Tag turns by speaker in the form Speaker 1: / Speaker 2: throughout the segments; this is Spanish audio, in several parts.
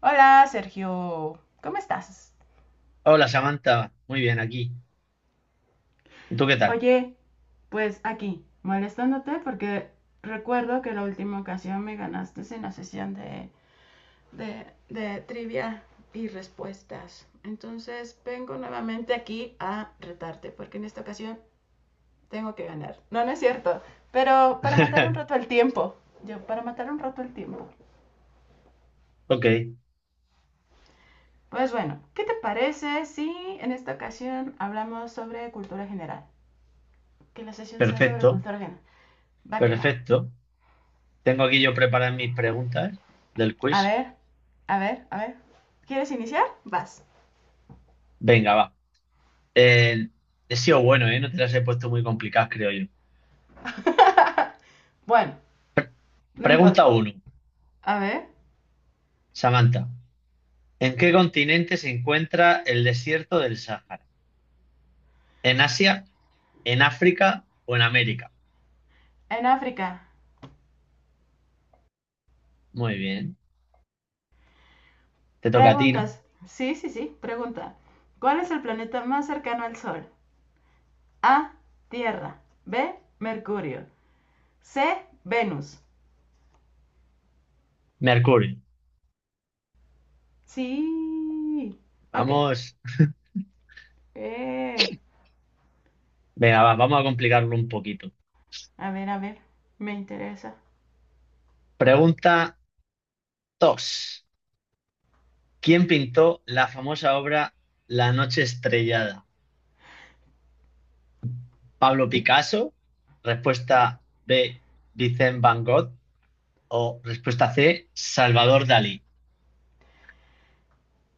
Speaker 1: Hola, Sergio, ¿cómo estás?
Speaker 2: Hola Samantha, muy bien aquí. ¿Y tú qué tal?
Speaker 1: Oye, pues aquí, molestándote porque recuerdo que la última ocasión me ganaste en la sesión de trivia y respuestas. Entonces vengo nuevamente aquí a retarte porque en esta ocasión tengo que ganar. No, no es cierto, pero para matar un rato el tiempo. Yo, para matar un rato el tiempo.
Speaker 2: Ok,
Speaker 1: Pues bueno, ¿qué te parece si en esta ocasión hablamos sobre cultura general? Que la sesión sea sobre
Speaker 2: perfecto,
Speaker 1: cultura general. Va que va.
Speaker 2: perfecto. Tengo aquí yo preparadas mis preguntas del
Speaker 1: A
Speaker 2: quiz.
Speaker 1: ver, a ver, a ver. ¿Quieres iniciar? Vas.
Speaker 2: Venga, va. Eh, He sido bueno, ¿eh? No te las he puesto muy complicadas, creo yo.
Speaker 1: Bueno, no
Speaker 2: Pregunta
Speaker 1: importa.
Speaker 2: uno,
Speaker 1: A ver,
Speaker 2: Samantha. ¿En qué continente se encuentra el desierto del Sáhara? ¿En Asia, en África o en América?
Speaker 1: en África.
Speaker 2: Muy bien, te toca a ti, ¿no?
Speaker 1: Preguntas. Sí, sí, sí, pregunta. ¿Cuál es el planeta más cercano al Sol? A. Tierra. B. Mercurio. C. Venus.
Speaker 2: Mercurio.
Speaker 1: Sí. Ok.
Speaker 2: Vamos,
Speaker 1: Eh,
Speaker 2: venga, va, vamos a complicarlo un poquito.
Speaker 1: a ver, a ver. Me interesa.
Speaker 2: Pregunta dos. ¿Quién pintó la famosa obra La noche estrellada? ¿Pablo Picasso? Respuesta B, Vincent Van Gogh. O respuesta C, Salvador Dalí.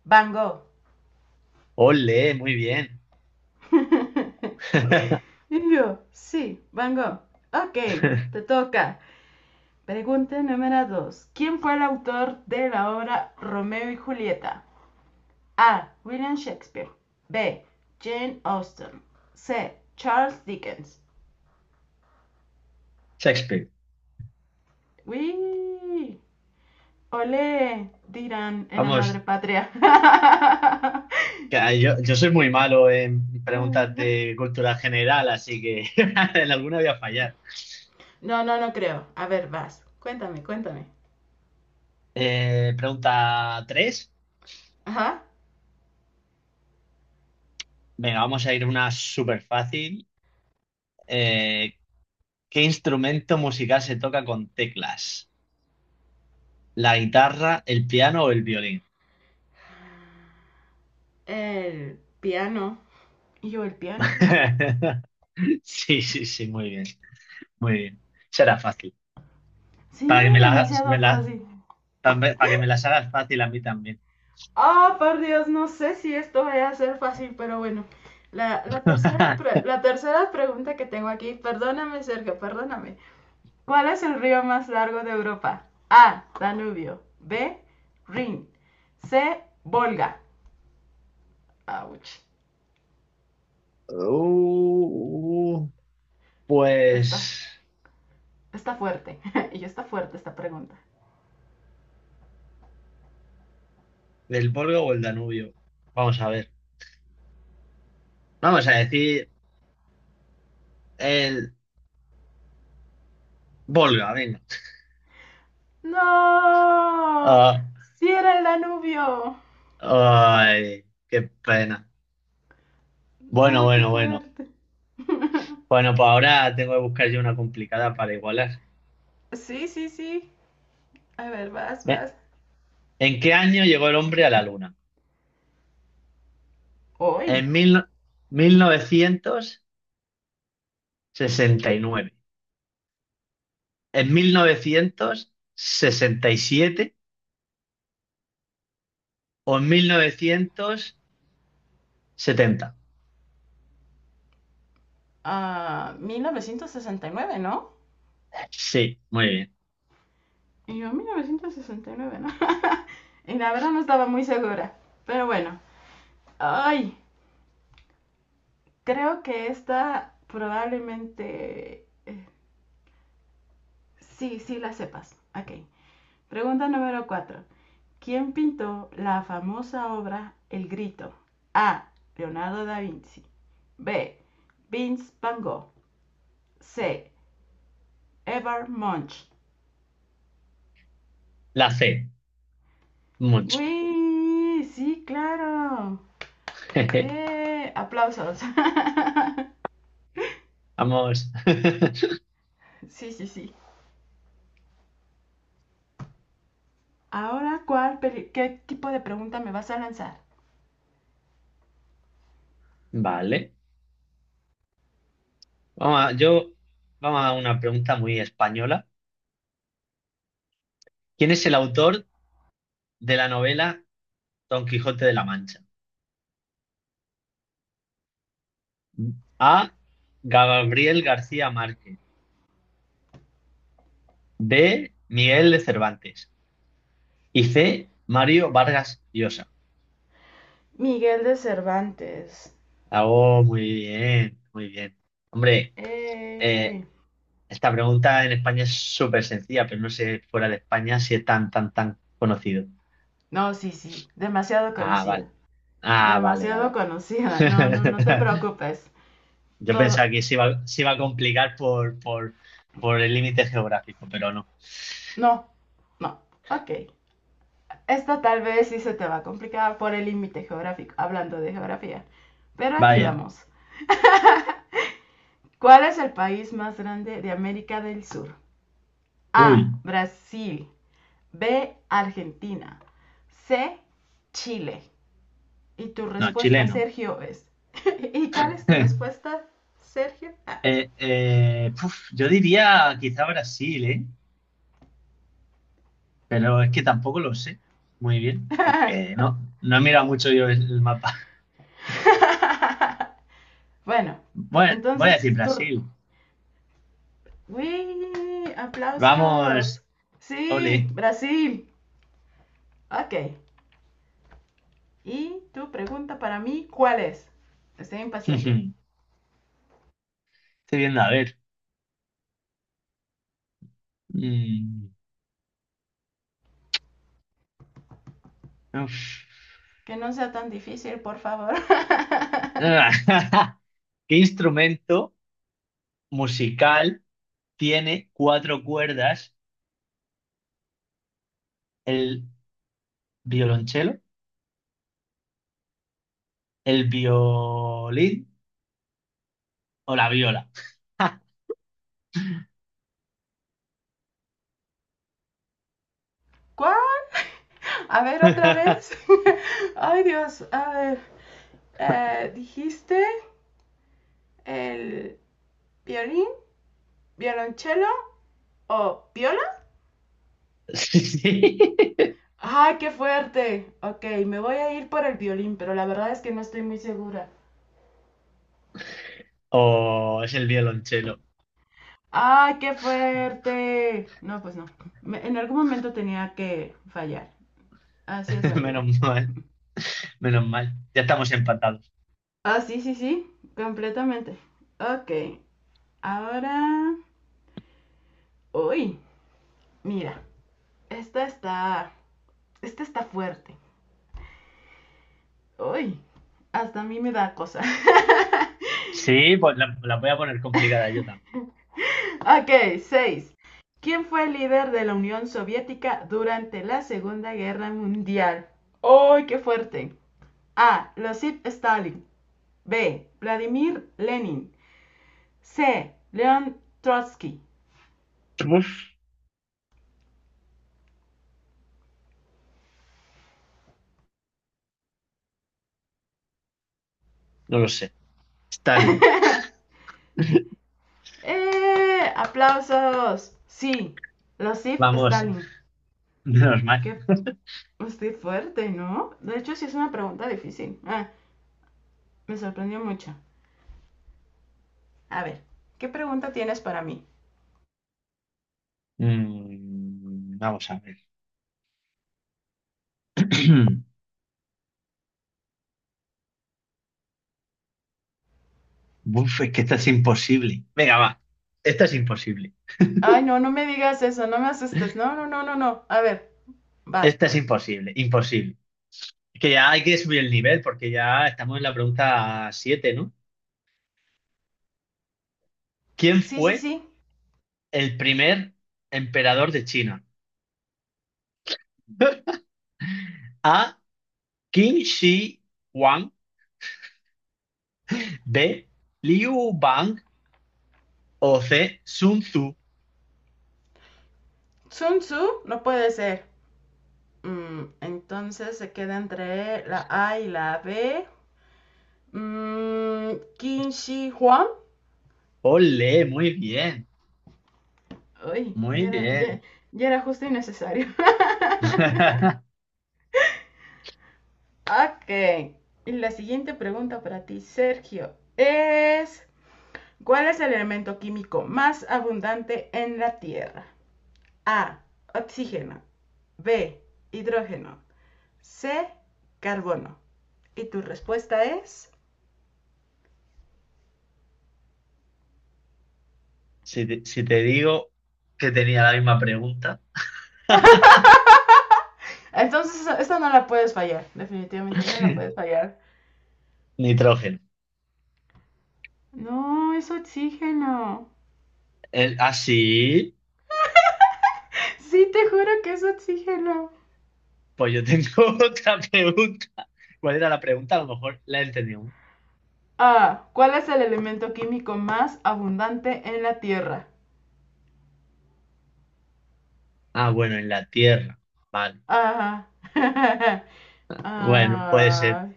Speaker 1: Van Gogh.
Speaker 2: Ole, muy bien.
Speaker 1: Y yo, sí, Van Gogh. Ok, te toca. Pregunta número 2. ¿Quién fue el autor de la obra Romeo y Julieta? A. William Shakespeare. B. Jane Austen. C. Charles Dickens.
Speaker 2: Shakespeare.
Speaker 1: ¡Uy! ¡Ole! Dirán en la madre
Speaker 2: Vamos,
Speaker 1: patria.
Speaker 2: que yo soy muy malo en preguntas de cultura general, así que en alguna voy a fallar.
Speaker 1: No, no, no creo. A ver, vas. Cuéntame, cuéntame.
Speaker 2: Pregunta 3.
Speaker 1: Ajá.
Speaker 2: Venga, vamos a ir una súper fácil. ¿Qué instrumento musical se toca con teclas? ¿La guitarra, el piano o el violín?
Speaker 1: El piano. Y yo, el piano. Ah.
Speaker 2: Sí, sí, sí, muy bien, muy bien. Será fácil.
Speaker 1: Sí,
Speaker 2: Para que
Speaker 1: demasiado fácil.
Speaker 2: para que me las hagas fácil a mí también.
Speaker 1: Ah, oh, por Dios, no sé si esto vaya a ser fácil, pero bueno. La tercera pregunta que tengo aquí, perdóname, Sergio, perdóname. ¿Cuál es el río más largo de Europa? A. Danubio. B. Rin. C. Volga. Ouch.
Speaker 2: Uh,
Speaker 1: Está,
Speaker 2: pues,
Speaker 1: Está fuerte. Y está fuerte esta pregunta.
Speaker 2: ¿del Volga o el Danubio? Vamos a ver. Vamos a decir el Volga, venga.
Speaker 1: ¡No!
Speaker 2: Ah,
Speaker 1: ¡Sí era el Danubio!
Speaker 2: ay, qué pena. Bueno,
Speaker 1: ¡Uy, qué
Speaker 2: bueno, bueno.
Speaker 1: fuerte!
Speaker 2: Bueno, pues ahora tengo que buscar yo una complicada para igualar.
Speaker 1: Sí, sí, sí. A ver, vas,
Speaker 2: Ve,
Speaker 1: vas.
Speaker 2: ¿en qué año llegó el hombre a la luna?
Speaker 1: ¡Uy!
Speaker 2: En mil, no- ¿Mil novecientos sesenta y nueve, en 1967 o en mil novecientos setenta?
Speaker 1: A 1969, ¿no?
Speaker 2: Sí, muy bien.
Speaker 1: Y yo, 1969, ¿no? Y la verdad no estaba muy segura. Pero bueno, ay, creo que esta probablemente... sí, sí la sepas. Ok. Pregunta número 4. ¿Quién pintó la famosa obra El Grito? A. Leonardo da Vinci. B. Vince Van Gogh. C. Edvard Munch.
Speaker 2: La C, mucho.
Speaker 1: ¡Uy! Sí, claro. Aplausos.
Speaker 2: Vamos.
Speaker 1: Sí, sí, sí. Ahora, ¿qué tipo de pregunta me vas a lanzar?
Speaker 2: Vale. Vamos a, yo, vamos a una pregunta muy española. ¿Quién es el autor de la novela Don Quijote de la Mancha? A. Gabriel García Márquez. B. Miguel de Cervantes. Y C. Mario Vargas Llosa.
Speaker 1: Miguel de Cervantes.
Speaker 2: Oh, muy bien, muy bien. Hombre, eh,
Speaker 1: Eh.
Speaker 2: esta pregunta en España es súper sencilla, pero no sé fuera de España si es tan, tan, tan conocido.
Speaker 1: No, sí, sí. Demasiado
Speaker 2: Ah, vale.
Speaker 1: conocida.
Speaker 2: Ah, vale,
Speaker 1: Demasiado
Speaker 2: vale.
Speaker 1: conocida. No, no, no te preocupes.
Speaker 2: Yo
Speaker 1: Todo.
Speaker 2: pensaba que se iba a complicar por el límite geográfico, pero no.
Speaker 1: No, no. Ok. Esta tal vez sí se te va a complicar por el límite geográfico, hablando de geografía. Pero aquí
Speaker 2: Vaya.
Speaker 1: vamos. ¿Cuál es el país más grande de América del Sur? A.
Speaker 2: Uy,
Speaker 1: Brasil. B, Argentina. C, Chile. Y tu
Speaker 2: no,
Speaker 1: respuesta,
Speaker 2: chileno.
Speaker 1: Sergio, es... ¿Y cuál es tu respuesta, Sergio?
Speaker 2: Puf, yo diría quizá Brasil, ¿eh? Pero es que tampoco lo sé muy bien,
Speaker 1: Ah.
Speaker 2: porque no, no he mirado mucho yo el mapa.
Speaker 1: Bueno,
Speaker 2: Bueno, voy a
Speaker 1: entonces
Speaker 2: decir
Speaker 1: tu...
Speaker 2: Brasil.
Speaker 1: ¡Uy! ¡Aplausos!
Speaker 2: Vamos,
Speaker 1: Sí,
Speaker 2: ole.
Speaker 1: Brasil. Ok. Y tu pregunta para mí, ¿cuál es? Estoy impaciente.
Speaker 2: Estoy viendo, a ver. Mm, uf.
Speaker 1: Que no sea tan difícil, por favor.
Speaker 2: ¿Qué instrumento musical tiene cuatro cuerdas? ¿El violonchelo, el violín o la viola?
Speaker 1: ¿Cuál? A ver, otra vez. Ay, Dios. A ver. ¿Dijiste el violín, violonchelo o viola?
Speaker 2: Sí.
Speaker 1: ¡Ay, qué fuerte! Ok, me voy a ir por el violín, pero la verdad es que no estoy muy segura.
Speaker 2: O es el violonchelo.
Speaker 1: ¡Ay, qué fuerte! No, pues no. Me- en algún momento tenía que fallar. Así es la vida.
Speaker 2: Menos mal, menos mal. Ya estamos empatados.
Speaker 1: Ah, sí, sí, sí. Completamente. Ok, ahora... Uy, mira. Esta está. Esta está fuerte. Uy, hasta a mí me da cosa.
Speaker 2: Sí, pues la voy a poner complicada yo también.
Speaker 1: Ok, 6. ¿Quién fue el líder de la Unión Soviética durante la Segunda Guerra Mundial? ¡Uy, qué fuerte! A. Losip Stalin. B. Vladimir Lenin. C. Leon Trotsky.
Speaker 2: Uf, no lo sé. Stalin.
Speaker 1: ¡Eh! ¡Aplausos! Sí, Losif
Speaker 2: Vamos,
Speaker 1: Stalin.
Speaker 2: menos mal.
Speaker 1: Qué estoy fuerte, ¿no? De hecho, sí es una pregunta difícil. Ah. Me sorprendió mucho. A ver, ¿qué pregunta tienes para mí?
Speaker 2: Mm, vamos a ver. Uf, es que esta es imposible. Venga, va. Esta es imposible.
Speaker 1: Ay, no, no me digas eso, no me asustes. No, no, no, no, no. A ver, va.
Speaker 2: Esta es imposible. Imposible. Es que ya hay que subir el nivel porque ya estamos en la pregunta siete, ¿no? ¿Quién
Speaker 1: Sí, sí,
Speaker 2: fue
Speaker 1: sí.
Speaker 2: el primer emperador de China? A. Qin Shi Huang, B. Liu Bang o C. Sun Tzu.
Speaker 1: Sun Tzu no puede ser. Mm, entonces se queda entre la A y la B. Mm, Qin Shi Huang.
Speaker 2: Ole, muy bien,
Speaker 1: Uy,
Speaker 2: muy
Speaker 1: ya era, ya,
Speaker 2: bien.
Speaker 1: ya era justo y necesario. Ok. Y la siguiente pregunta para ti, Sergio, es: ¿cuál es el elemento químico más abundante en la Tierra? A. Oxígeno. B. Hidrógeno. C. Carbono. Y tu respuesta es.
Speaker 2: Si te digo que tenía la misma pregunta,
Speaker 1: Entonces, esta no la puedes fallar. Definitivamente no la puedes fallar.
Speaker 2: nitrógeno.
Speaker 1: No, es oxígeno.
Speaker 2: Sí,
Speaker 1: Sí, te juro que es oxígeno.
Speaker 2: pues yo tengo otra pregunta. ¿Cuál era la pregunta? A lo mejor la he entendido.
Speaker 1: A. ¿Cuál es el elemento químico más abundante en la Tierra?
Speaker 2: Ah, bueno, en la Tierra. Vale.
Speaker 1: A.
Speaker 2: Bueno, puede ser.
Speaker 1: Ah,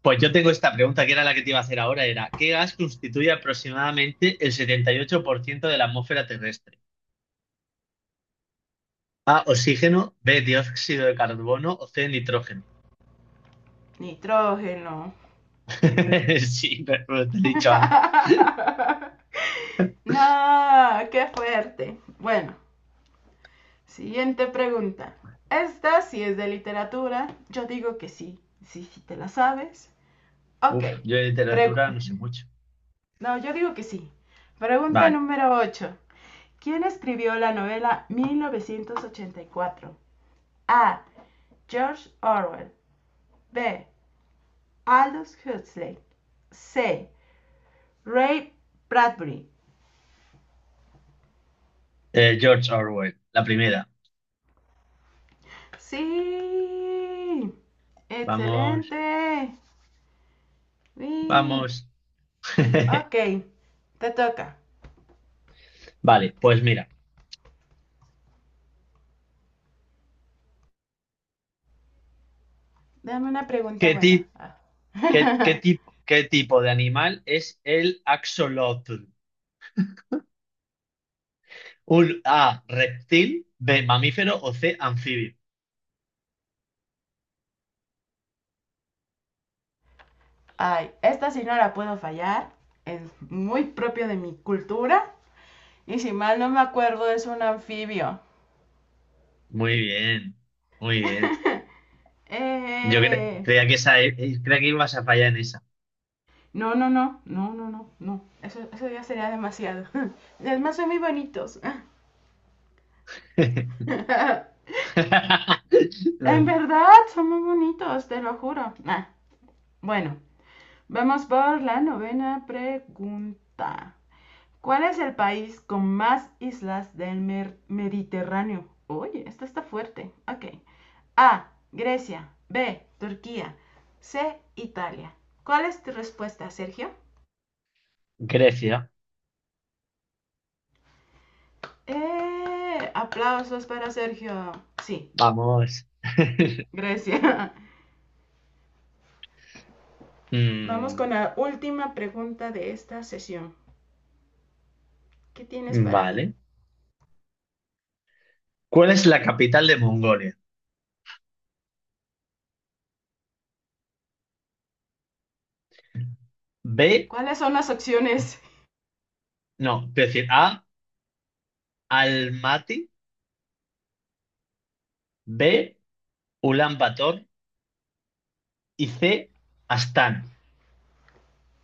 Speaker 2: Pues yo tengo esta pregunta que era la que te iba a hacer ahora, ¿qué gas constituye aproximadamente el 78% de la atmósfera terrestre? A, oxígeno, B, dióxido de carbono o C, nitrógeno.
Speaker 1: nitrógeno.
Speaker 2: Sí, pero te lo he dicho antes.
Speaker 1: No, qué fuerte. Bueno, siguiente pregunta. Esta sí es de literatura. Yo digo que sí. Sí, sí te la sabes. Ok.
Speaker 2: Uf, yo de
Speaker 1: Pregu-
Speaker 2: literatura no sé mucho.
Speaker 1: no, yo digo que sí. Pregunta
Speaker 2: Vale.
Speaker 1: número 8. ¿Quién escribió la novela 1984? A. George Orwell. B. Aldous Huxley. C. Ray Bradbury.
Speaker 2: George Orwell, la primera.
Speaker 1: Sí.
Speaker 2: Vamos,
Speaker 1: Excelente. Sí.
Speaker 2: vamos.
Speaker 1: Ok, te toca.
Speaker 2: Vale, pues mira,
Speaker 1: Dame una pregunta
Speaker 2: ¿qué
Speaker 1: buena.
Speaker 2: ti-
Speaker 1: Ah.
Speaker 2: ¿qué tipo de animal es el axolotl? Un A, reptil, B, mamífero o C, anfibio.
Speaker 1: Ay, esta sí no la puedo fallar. Es muy propio de mi cultura. Y si mal no me acuerdo, es un anfibio.
Speaker 2: Muy bien, muy bien.
Speaker 1: Eh,
Speaker 2: Creía que creía que ibas a fallar en esa.
Speaker 1: no, no, no, no, no, no, no. Eso ya sería demasiado. Además, son muy bonitos. En verdad, son muy bonitos, te lo juro. Ah, bueno, vamos por la novena pregunta. ¿Cuál es el país con más islas del Mediterráneo? Oye, esta está fuerte. Ok. A. Grecia. B. Turquía. C. Italia. ¿Cuál es tu respuesta, Sergio?
Speaker 2: Grecia,
Speaker 1: ¡Eh! Aplausos para Sergio. Sí,
Speaker 2: vamos.
Speaker 1: Grecia. Vamos con
Speaker 2: Mm,
Speaker 1: la última pregunta de esta sesión. ¿Qué tienes para mí?
Speaker 2: vale. ¿Cuál es la capital de Mongolia? B,
Speaker 1: ¿Cuáles son las opciones?
Speaker 2: no, quiero decir A, Almaty, B, Ulan Bator y C, Astana.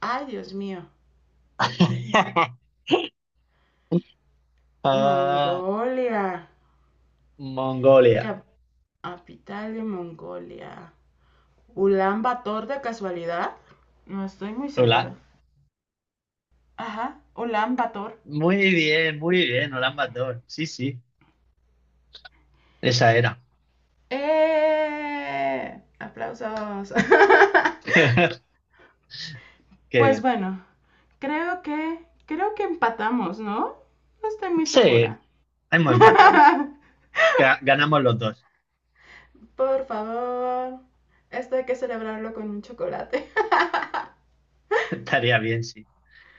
Speaker 1: Ay, Dios mío.
Speaker 2: Ah,
Speaker 1: Mongolia.
Speaker 2: Mongolia.
Speaker 1: Capital de Mongolia. ¿Ulan Bator de casualidad? No estoy muy segura.
Speaker 2: Hola.
Speaker 1: Ajá, Ulan Bator.
Speaker 2: Muy bien, Ulan Bator. Sí, sí, esa era.
Speaker 1: ¡Eh! Aplausos.
Speaker 2: Qué
Speaker 1: Pues
Speaker 2: bien.
Speaker 1: bueno, creo que empatamos, ¿no? No estoy muy
Speaker 2: Sí,
Speaker 1: segura.
Speaker 2: hemos empatado. Ganamos los dos.
Speaker 1: Por favor. Esto hay que celebrarlo con un chocolate.
Speaker 2: Estaría bien, sí.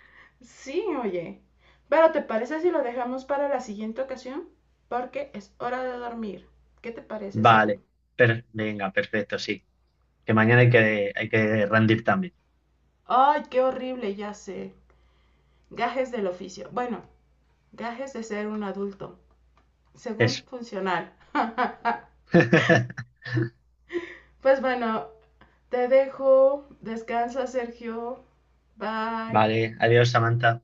Speaker 1: Sí, oye. Pero ¿te parece si lo dejamos para la siguiente ocasión? Porque es hora de dormir. ¿Qué te parece, Sergio?
Speaker 2: Vale. Venga, perfecto, sí. Que mañana hay que rendir también.
Speaker 1: Ay, qué horrible, ya sé. Gajes del oficio. Bueno, gajes de ser un adulto.
Speaker 2: Eso.
Speaker 1: Según funcional. Pues bueno, te dejo. Descansa, Sergio. Bye.
Speaker 2: Vale, adiós, Samantha.